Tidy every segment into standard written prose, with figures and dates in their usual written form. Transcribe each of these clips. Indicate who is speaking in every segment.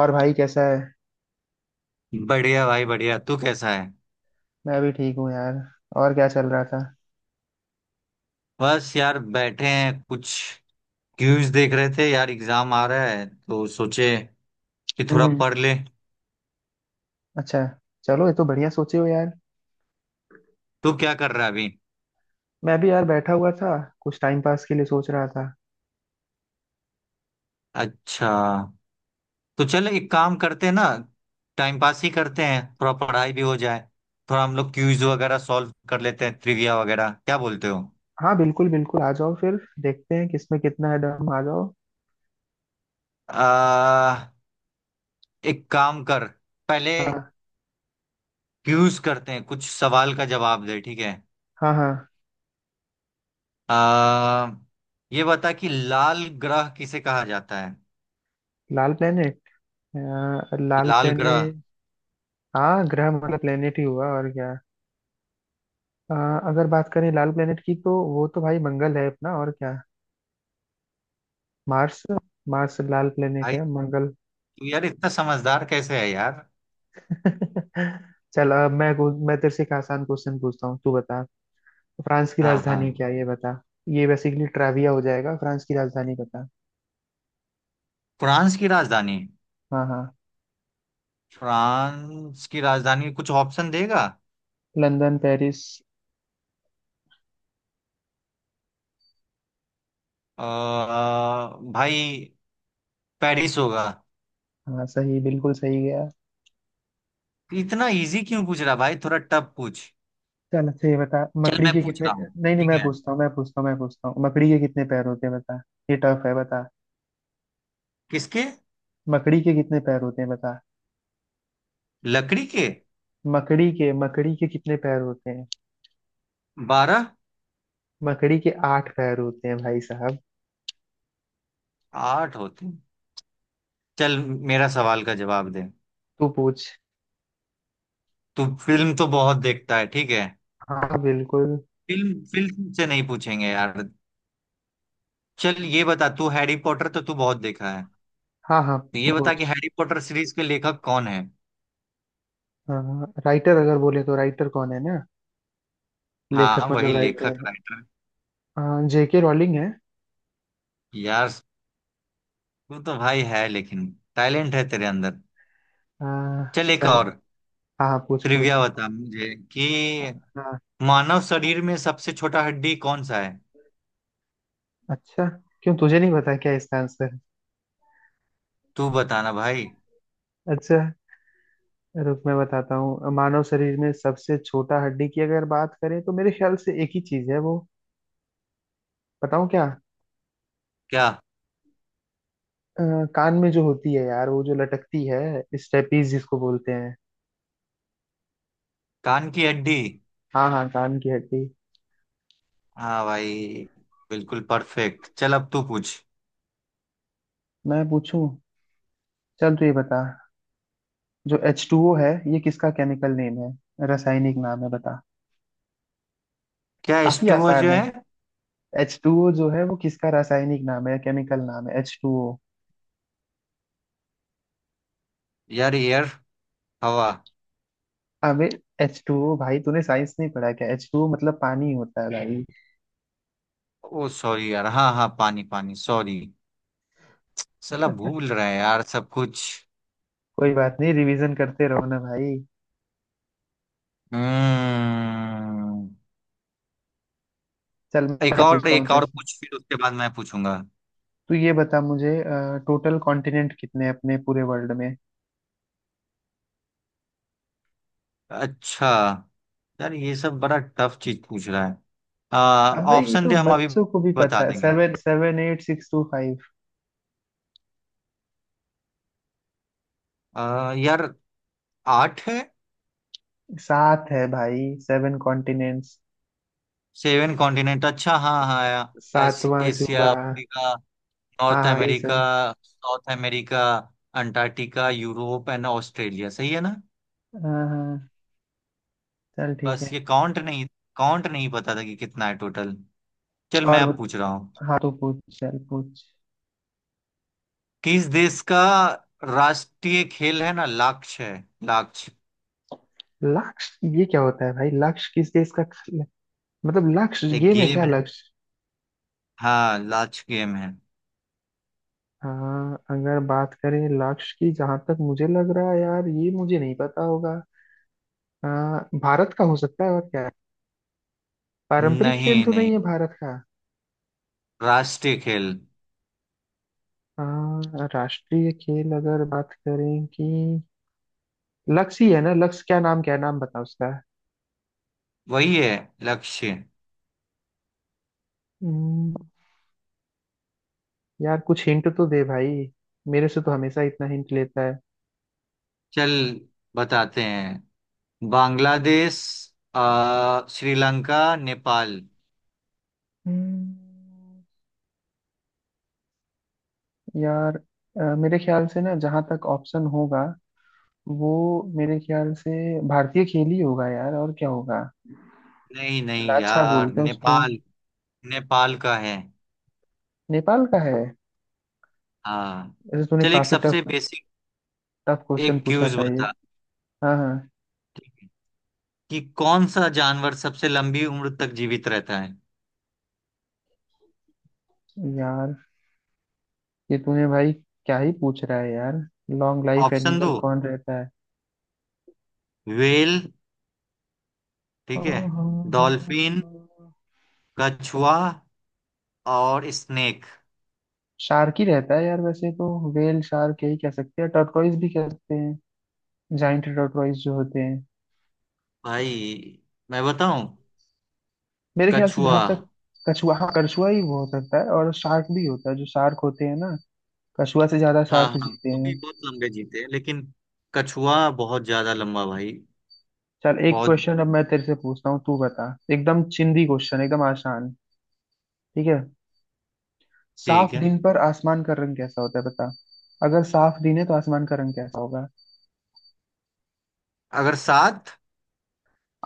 Speaker 1: और भाई कैसा है।
Speaker 2: बढ़िया भाई बढ़िया। तू कैसा है?
Speaker 1: मैं भी ठीक हूँ यार। और क्या चल रहा था।
Speaker 2: बस यार बैठे हैं कुछ। क्यूज देख रहे थे यार, एग्जाम आ रहा है तो सोचे कि थोड़ा
Speaker 1: हम्म।
Speaker 2: पढ़ ले।
Speaker 1: अच्छा। चलो ये तो बढ़िया सोचे हो यार।
Speaker 2: तू क्या कर रहा है अभी?
Speaker 1: मैं भी यार बैठा हुआ था, कुछ टाइम पास के लिए सोच रहा था।
Speaker 2: अच्छा। तो चल एक काम करते हैं ना, टाइम पास ही करते हैं, थोड़ा पढ़ाई भी हो जाए। थोड़ा हम लोग क्यूज वगैरह सॉल्व कर लेते हैं, ट्रिविया वगैरह, क्या बोलते हो?
Speaker 1: हाँ बिल्कुल बिल्कुल, आ जाओ फिर। देखते हैं किसमें कितना है दम, आ जाओ।
Speaker 2: आ, एक काम कर, पहले
Speaker 1: हाँ
Speaker 2: क्यूज करते हैं, कुछ सवाल का जवाब दे, ठीक है?
Speaker 1: हाँ हाँ।
Speaker 2: आ, ये बता कि लाल ग्रह किसे कहा जाता है।
Speaker 1: लाल प्लेनेट। लाल
Speaker 2: लाल ग्रह।
Speaker 1: प्लेनेट। हाँ ग्रह मतलब प्लेनेट ही हुआ, और क्या। अ, अगर बात करें लाल प्लेनेट की तो वो तो भाई मंगल है अपना, और क्या। मार्स। मार्स लाल प्लेनेट
Speaker 2: भाई
Speaker 1: है,
Speaker 2: तू,
Speaker 1: मंगल।
Speaker 2: यार इतना समझदार कैसे है यार।
Speaker 1: चल अब मैं तेरे से एक आसान क्वेश्चन पूछता हूँ, तू बता। फ्रांस की
Speaker 2: हाँ हाँ।
Speaker 1: राजधानी क्या है, ये बता। ये बेसिकली ट्राविया हो जाएगा, फ्रांस की राजधानी बता।
Speaker 2: फ्रांस की राजधानी,
Speaker 1: हाँ हाँ।
Speaker 2: फ्रांस की राजधानी कुछ ऑप्शन देगा?
Speaker 1: London, Paris.
Speaker 2: आ, भाई पेरिस होगा।
Speaker 1: हाँ सही, बिल्कुल सही गया।
Speaker 2: इतना इजी क्यों पूछ रहा भाई, थोड़ा टफ पूछ।
Speaker 1: चल अच्छा, ये बता।
Speaker 2: चल
Speaker 1: मकड़ी
Speaker 2: मैं
Speaker 1: के
Speaker 2: पूछ
Speaker 1: कितने।
Speaker 2: रहा हूँ।
Speaker 1: नहीं नहीं,
Speaker 2: ठीक
Speaker 1: मैं
Speaker 2: है।
Speaker 1: पूछता हूँ मैं पूछता हूँ मैं पूछता हूँ, मकड़ी के कितने पैर होते हैं बता। ये टफ है, बता।
Speaker 2: किसके?
Speaker 1: मकड़ी के कितने पैर होते हैं बता।
Speaker 2: लकड़ी के?
Speaker 1: मकड़ी के कितने पैर होते हैं।
Speaker 2: बारह।
Speaker 1: मकड़ी के 8 पैर होते हैं भाई साहब।
Speaker 2: आठ होते हैं। चल मेरा सवाल का जवाब दे।
Speaker 1: तू पूछ।
Speaker 2: तू फिल्म तो बहुत देखता है, ठीक है?
Speaker 1: हाँ बिल्कुल।
Speaker 2: फिल्म फिल्म से नहीं पूछेंगे यार। चल ये बता, तू हैरी पॉटर तो तू बहुत देखा है।
Speaker 1: हाँ हाँ,
Speaker 2: तो ये बता कि
Speaker 1: पूछ।
Speaker 2: हैरी पॉटर सीरीज के लेखक कौन है।
Speaker 1: हाँ राइटर, अगर बोले तो राइटर कौन है ना। लेखक
Speaker 2: हाँ
Speaker 1: मतलब
Speaker 2: वही
Speaker 1: हाँ
Speaker 2: लेखक
Speaker 1: राइटर।
Speaker 2: राइटर।
Speaker 1: जेके रॉलिंग है।
Speaker 2: यार, तू तो भाई है, लेकिन टैलेंट है तेरे अंदर।
Speaker 1: आ,
Speaker 2: चल एक
Speaker 1: चल।
Speaker 2: और
Speaker 1: हाँ पूछ
Speaker 2: ट्रिविया
Speaker 1: पूछ।
Speaker 2: बता मुझे कि
Speaker 1: हाँ।
Speaker 2: मानव शरीर में सबसे छोटा हड्डी कौन सा है।
Speaker 1: अच्छा, क्यों तुझे नहीं पता क्या इसका आंसर।
Speaker 2: तू बताना भाई।
Speaker 1: अच्छा, रुक मैं बताता हूँ। मानव शरीर में सबसे छोटा हड्डी की अगर बात करें, तो मेरे ख्याल से एक ही चीज है वो। बताऊँ क्या।
Speaker 2: क्या?
Speaker 1: अ, कान में जो होती है यार, वो जो लटकती है, स्टेपीज जिसको बोलते हैं।
Speaker 2: कान की हड्डी।
Speaker 1: हाँ हाँ, कान की हड्डी।
Speaker 2: हाँ भाई, बिल्कुल परफेक्ट। चल अब तू पूछ।
Speaker 1: मैं पूछूं। चल तू ये बता, जो H2O है ये किसका केमिकल नेम है, रासायनिक नाम है बता।
Speaker 2: क्या
Speaker 1: काफी
Speaker 2: स्टूवा
Speaker 1: आसान
Speaker 2: जो
Speaker 1: है।
Speaker 2: है?
Speaker 1: H2O जो है वो किसका रासायनिक नाम है या केमिकल नाम है, एच टू ओ।
Speaker 2: यार एयर, हवा।
Speaker 1: अबे, H2O भाई तूने साइंस नहीं पढ़ा क्या। H2O मतलब पानी होता है भाई।
Speaker 2: ओ सॉरी यार, हाँ हाँ पानी पानी सॉरी। साला भूल रहा है यार सब कुछ।
Speaker 1: कोई बात नहीं, रिवीजन करते रहो ना भाई।
Speaker 2: हम्म।
Speaker 1: चल मैं पूछता हूँ,
Speaker 2: एक और
Speaker 1: कैसे।
Speaker 2: पूछ फिर उसके बाद मैं पूछूंगा।
Speaker 1: तू ये बता मुझे, टोटल कॉन्टिनेंट कितने हैं अपने पूरे वर्ल्ड में।
Speaker 2: अच्छा, यार ये सब बड़ा टफ चीज पूछ रहा है। आ
Speaker 1: अबे, ये
Speaker 2: ऑप्शन
Speaker 1: तो
Speaker 2: दे, हम अभी
Speaker 1: बच्चों को भी
Speaker 2: बता
Speaker 1: पता है।
Speaker 2: देंगे।
Speaker 1: Seven, seven eight six two five.
Speaker 2: यार आठ है।
Speaker 1: सात है भाई, 7 कॉन्टिनेंट्स।
Speaker 2: सेवन कॉन्टिनेंट, अच्छा हाँ हाँ यार,
Speaker 1: सातवां
Speaker 2: एशिया,
Speaker 1: जुबा।
Speaker 2: अफ्रीका,
Speaker 1: हाँ
Speaker 2: नॉर्थ
Speaker 1: हाँ यही
Speaker 2: अमेरिका,
Speaker 1: सुन।
Speaker 2: South America, Antarctica, Europe and Australia, सही है ना?
Speaker 1: हाँ हाँ। चल ठीक
Speaker 2: बस
Speaker 1: है।
Speaker 2: ये काउंट नहीं, काउंट नहीं पता था कि कितना है टोटल। चल मैं
Speaker 1: और
Speaker 2: अब
Speaker 1: बत...
Speaker 2: पूछ रहा हूँ।
Speaker 1: हाँ तो पूछ, चल पूछ।
Speaker 2: किस देश का राष्ट्रीय खेल है ना, लाक्ष है, लाक्ष।
Speaker 1: लक्ष्य ये क्या होता है भाई, लक्ष्य किस देश का, मतलब लक्ष्य
Speaker 2: एक
Speaker 1: गेम है
Speaker 2: गेम
Speaker 1: क्या,
Speaker 2: है,
Speaker 1: लक्ष्य।
Speaker 2: हाँ लाक्ष गेम है।
Speaker 1: हाँ अगर बात करें लक्ष्य की, जहां तक मुझे लग रहा है यार ये मुझे नहीं पता होगा। हाँ भारत का हो सकता है, और क्या है? पारंपरिक खेल
Speaker 2: नहीं
Speaker 1: तो
Speaker 2: नहीं,
Speaker 1: नहीं है भारत का।
Speaker 2: राष्ट्रीय खेल।
Speaker 1: हाँ राष्ट्रीय खेल अगर बात करें कि लक्ष्य ही है ना, लक्ष्य क्या, नाम क्या है, नाम बताओ उसका।
Speaker 2: वही है, लक्ष्य।
Speaker 1: यार कुछ हिंट तो दे भाई, मेरे से तो हमेशा इतना हिंट लेता है।
Speaker 2: चल बताते हैं, बांग्लादेश, श्रीलंका, नेपाल।
Speaker 1: हम्म। यार मेरे ख्याल से ना, जहां तक ऑप्शन होगा वो, मेरे ख्याल से भारतीय खेल ही होगा यार, और क्या होगा।
Speaker 2: नहीं नहीं
Speaker 1: लाछा
Speaker 2: यार,
Speaker 1: बोलते हैं उसको।
Speaker 2: नेपाल। नेपाल का है।
Speaker 1: नेपाल का है।
Speaker 2: हाँ।
Speaker 1: ऐसे तूने
Speaker 2: चल एक
Speaker 1: काफी टफ,
Speaker 2: सबसे बेसिक,
Speaker 1: टफ क्वेश्चन
Speaker 2: एक
Speaker 1: पूछा
Speaker 2: क्यूज
Speaker 1: था ये।
Speaker 2: बता
Speaker 1: हाँ हाँ।
Speaker 2: कि कौन सा जानवर सबसे लंबी उम्र तक जीवित रहता है।
Speaker 1: यार ये तूने भाई क्या ही पूछ रहा है यार। लॉन्ग लाइफ
Speaker 2: ऑप्शन
Speaker 1: एनिमल
Speaker 2: दो।
Speaker 1: कौन रहता है।
Speaker 2: व्हेल, ठीक है,
Speaker 1: ओहो।
Speaker 2: डॉल्फिन, कछुआ और स्नेक।
Speaker 1: शार्क ही रहता है यार वैसे तो, वेल शार्क यही कह सकते हैं, टर्टोइज भी कहते हैं, जाइंट टर्टोइज जो होते हैं।
Speaker 2: भाई मैं बताऊं,
Speaker 1: मेरे ख्याल से
Speaker 2: कछुआ।
Speaker 1: जहाँ तक, कछुआ, हाँ कछुआ ही वो हो सकता है, और शार्क भी होता है, जो शार्क होते हैं ना। कछुआ से ज्यादा
Speaker 2: हाँ
Speaker 1: शार्क
Speaker 2: हाँ,
Speaker 1: जीते
Speaker 2: वो
Speaker 1: हैं।
Speaker 2: भी बहुत लंबे जीते हैं, लेकिन कछुआ बहुत ज्यादा लंबा भाई।
Speaker 1: चल एक
Speaker 2: बहुत।
Speaker 1: क्वेश्चन अब मैं तेरे से पूछता हूँ, तू बता। एकदम चिंदी क्वेश्चन, एकदम आसान। ठीक है।
Speaker 2: ठीक
Speaker 1: साफ
Speaker 2: है।
Speaker 1: दिन पर आसमान का रंग कैसा होता है बता। अगर साफ दिन है तो आसमान का रंग कैसा होगा।
Speaker 2: अगर सात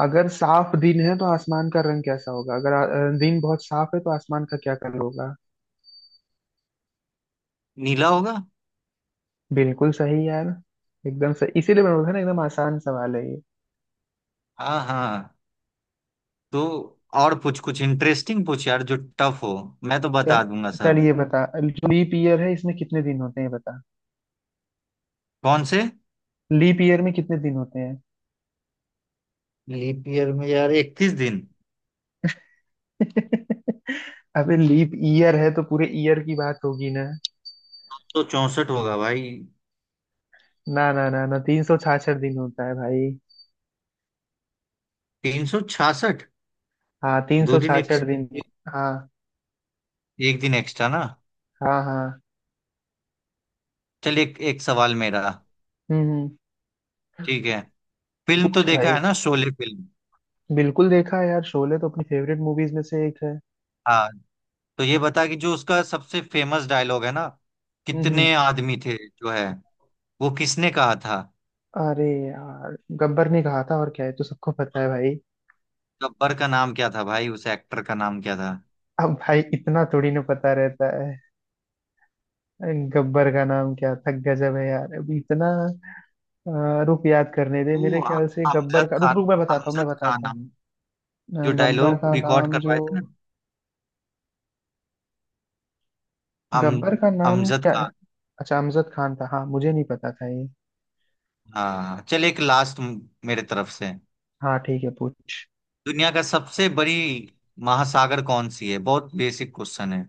Speaker 1: अगर साफ दिन है तो आसमान का रंग कैसा होगा, अगर दिन बहुत साफ है तो आसमान का क्या कलर होगा।
Speaker 2: नीला होगा।
Speaker 1: बिल्कुल सही यार, एकदम सही। इसीलिए मैंने बोला ना, एकदम आसान सवाल है ये।
Speaker 2: हाँ हाँ, तो और पूछ, कुछ इंटरेस्टिंग पूछ यार, जो टफ हो। मैं तो
Speaker 1: चल।
Speaker 2: बता दूंगा
Speaker 1: चल
Speaker 2: सब।
Speaker 1: ये बता, जो लीप ईयर है इसमें कितने दिन होते हैं, ये बता।
Speaker 2: कौन से?
Speaker 1: लीप ईयर में कितने दिन होते हैं।
Speaker 2: लीप ईयर में, यार इकतीस दिन।
Speaker 1: अबे लीप ईयर है तो पूरे ईयर की बात होगी ना।
Speaker 2: तो चौसठ होगा भाई।
Speaker 1: ना ना ना ना, 366 दिन होता है भाई।
Speaker 2: तीन सौ छियासठ।
Speaker 1: हाँ तीन
Speaker 2: दो
Speaker 1: सौ
Speaker 2: दिन,
Speaker 1: छाछठ दिन
Speaker 2: एक,
Speaker 1: हाँ।
Speaker 2: एक दिन एक्स्ट्रा ना।
Speaker 1: हाँ हाँ।
Speaker 2: चल एक एक सवाल मेरा,
Speaker 1: हम्म।
Speaker 2: ठीक है? फिल्म तो
Speaker 1: पूछ
Speaker 2: देखा
Speaker 1: भाई।
Speaker 2: है ना, शोले फिल्म।
Speaker 1: बिल्कुल देखा है यार, शोले तो अपनी फेवरेट मूवीज में से एक है।
Speaker 2: हाँ, तो ये बता कि जो उसका सबसे फेमस डायलॉग है ना,
Speaker 1: हम्म हम्म।
Speaker 2: कितने आदमी थे जो है, वो किसने कहा था?
Speaker 1: अरे यार गब्बर ने कहा था, और क्या है, तो सबको पता है भाई।
Speaker 2: गब्बर का नाम क्या था भाई, उस एक्टर का नाम क्या था?
Speaker 1: अब भाई इतना थोड़ी ना पता रहता है। गब्बर का नाम क्या था, गजब है यार। अभी इतना, रुक याद करने दे। मेरे
Speaker 2: वो हम-
Speaker 1: ख्याल से गब्बर
Speaker 2: अमजद
Speaker 1: का, रुक
Speaker 2: खान।
Speaker 1: रुक मैं बताता हूँ मैं
Speaker 2: अमजद खान
Speaker 1: बताता हूँ।
Speaker 2: हम जो
Speaker 1: गब्बर
Speaker 2: डायलॉग
Speaker 1: का
Speaker 2: रिकॉर्ड
Speaker 1: नाम जो,
Speaker 2: करवाए थे ना। अम
Speaker 1: गब्बर का नाम
Speaker 2: अमजद
Speaker 1: क्या।
Speaker 2: खान।
Speaker 1: अच्छा अमजद खान था, हाँ मुझे नहीं पता था ये।
Speaker 2: हाँ, चल एक लास्ट मेरे तरफ से।
Speaker 1: हाँ ठीक है, पूछ।
Speaker 2: दुनिया का सबसे बड़ी महासागर कौन सी है, बहुत बेसिक क्वेश्चन है।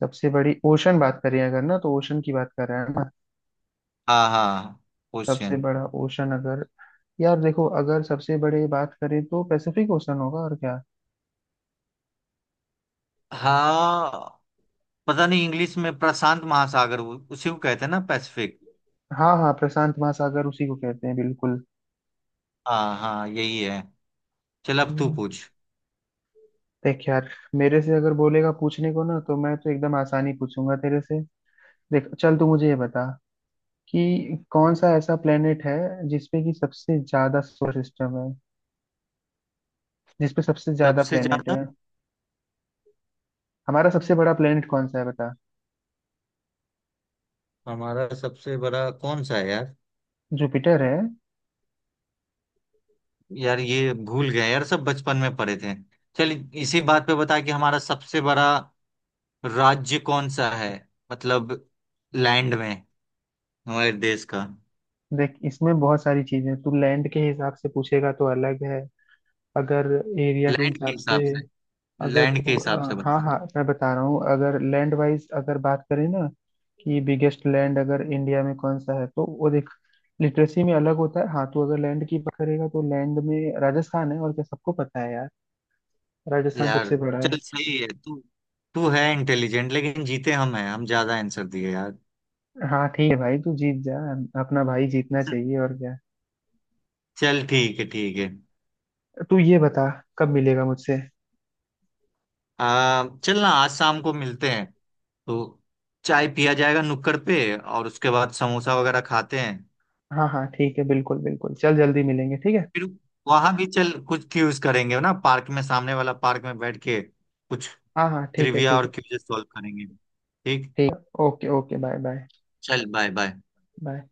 Speaker 1: सबसे बड़ी ओशन बात करें अगर ना, तो ओशन की बात कर रहे हैं ना।
Speaker 2: हाँ हाँ,
Speaker 1: सबसे
Speaker 2: क्वेश्चन।
Speaker 1: बड़ा ओशन अगर, यार देखो अगर सबसे बड़े बात करें तो पैसिफिक ओशन होगा, और क्या।
Speaker 2: हाँ पता नहीं, इंग्लिश में प्रशांत महासागर, उसी को कहते हैं ना, पैसिफिक।
Speaker 1: हाँ हाँ, प्रशांत महासागर उसी को कहते हैं, बिल्कुल।
Speaker 2: हाँ हाँ यही है। चल अब तू
Speaker 1: हम्म।
Speaker 2: पूछ।
Speaker 1: देख यार, मेरे से अगर बोलेगा पूछने को ना, तो मैं तो एकदम आसानी पूछूंगा तेरे से। देख चल, तू मुझे ये बता कि कौन सा ऐसा प्लेनेट है जिसपे कि सबसे ज्यादा सोलर सिस्टम है, जिसपे सबसे ज्यादा
Speaker 2: सबसे
Speaker 1: प्लेनेट
Speaker 2: ज्यादा?
Speaker 1: है, हमारा सबसे बड़ा प्लेनेट कौन सा है बता।
Speaker 2: हमारा सबसे बड़ा कौन सा है यार?
Speaker 1: जुपिटर है।
Speaker 2: यार ये भूल गए यार, सब बचपन में पढ़े थे। चल इसी बात पे बता कि हमारा सबसे बड़ा राज्य कौन सा है, मतलब लैंड में, हमारे देश का।
Speaker 1: देख इसमें बहुत सारी चीजें हैं। तू लैंड के हिसाब से पूछेगा तो अलग है, अगर एरिया के
Speaker 2: लैंड के
Speaker 1: हिसाब से।
Speaker 2: हिसाब से,
Speaker 1: अगर
Speaker 2: लैंड के
Speaker 1: तू,
Speaker 2: हिसाब से
Speaker 1: हाँ
Speaker 2: बता।
Speaker 1: हाँ मैं बता रहा हूँ, अगर लैंड वाइज अगर बात करें ना कि बिगेस्ट लैंड अगर इंडिया में कौन सा है तो वो देख, लिटरेसी में अलग होता है। हाँ तो अगर लैंड की बात करेगा तो लैंड में राजस्थान है, और क्या, सबको पता है यार। राजस्थान
Speaker 2: यार,
Speaker 1: सबसे बड़ा है।
Speaker 2: चल सही है तू, तू है इंटेलिजेंट, लेकिन जीते हम हैं, हम ज्यादा आंसर दिए यार।
Speaker 1: हाँ ठीक है भाई, तू जीत जा, अपना भाई जीतना चाहिए, और क्या।
Speaker 2: चल ठीक है ठीक है।
Speaker 1: तू ये बता, कब मिलेगा मुझसे।
Speaker 2: चल ना, आज शाम को मिलते हैं तो, चाय पिया जाएगा नुक्कड़ पे और उसके बाद समोसा वगैरह खाते हैं।
Speaker 1: हाँ हाँ ठीक है, बिल्कुल बिल्कुल, चल जल्दी मिलेंगे, ठीक है।
Speaker 2: फिर वहां भी चल कुछ क्यूज करेंगे ना, पार्क में, सामने वाला पार्क में बैठ के कुछ
Speaker 1: हाँ हाँ ठीक है
Speaker 2: ट्रिविया
Speaker 1: ठीक
Speaker 2: और
Speaker 1: है।
Speaker 2: क्यूज सॉल्व करेंगे। ठीक।
Speaker 1: ठीक है। Okay okay, bye bye.
Speaker 2: चल बाय बाय।
Speaker 1: बाय।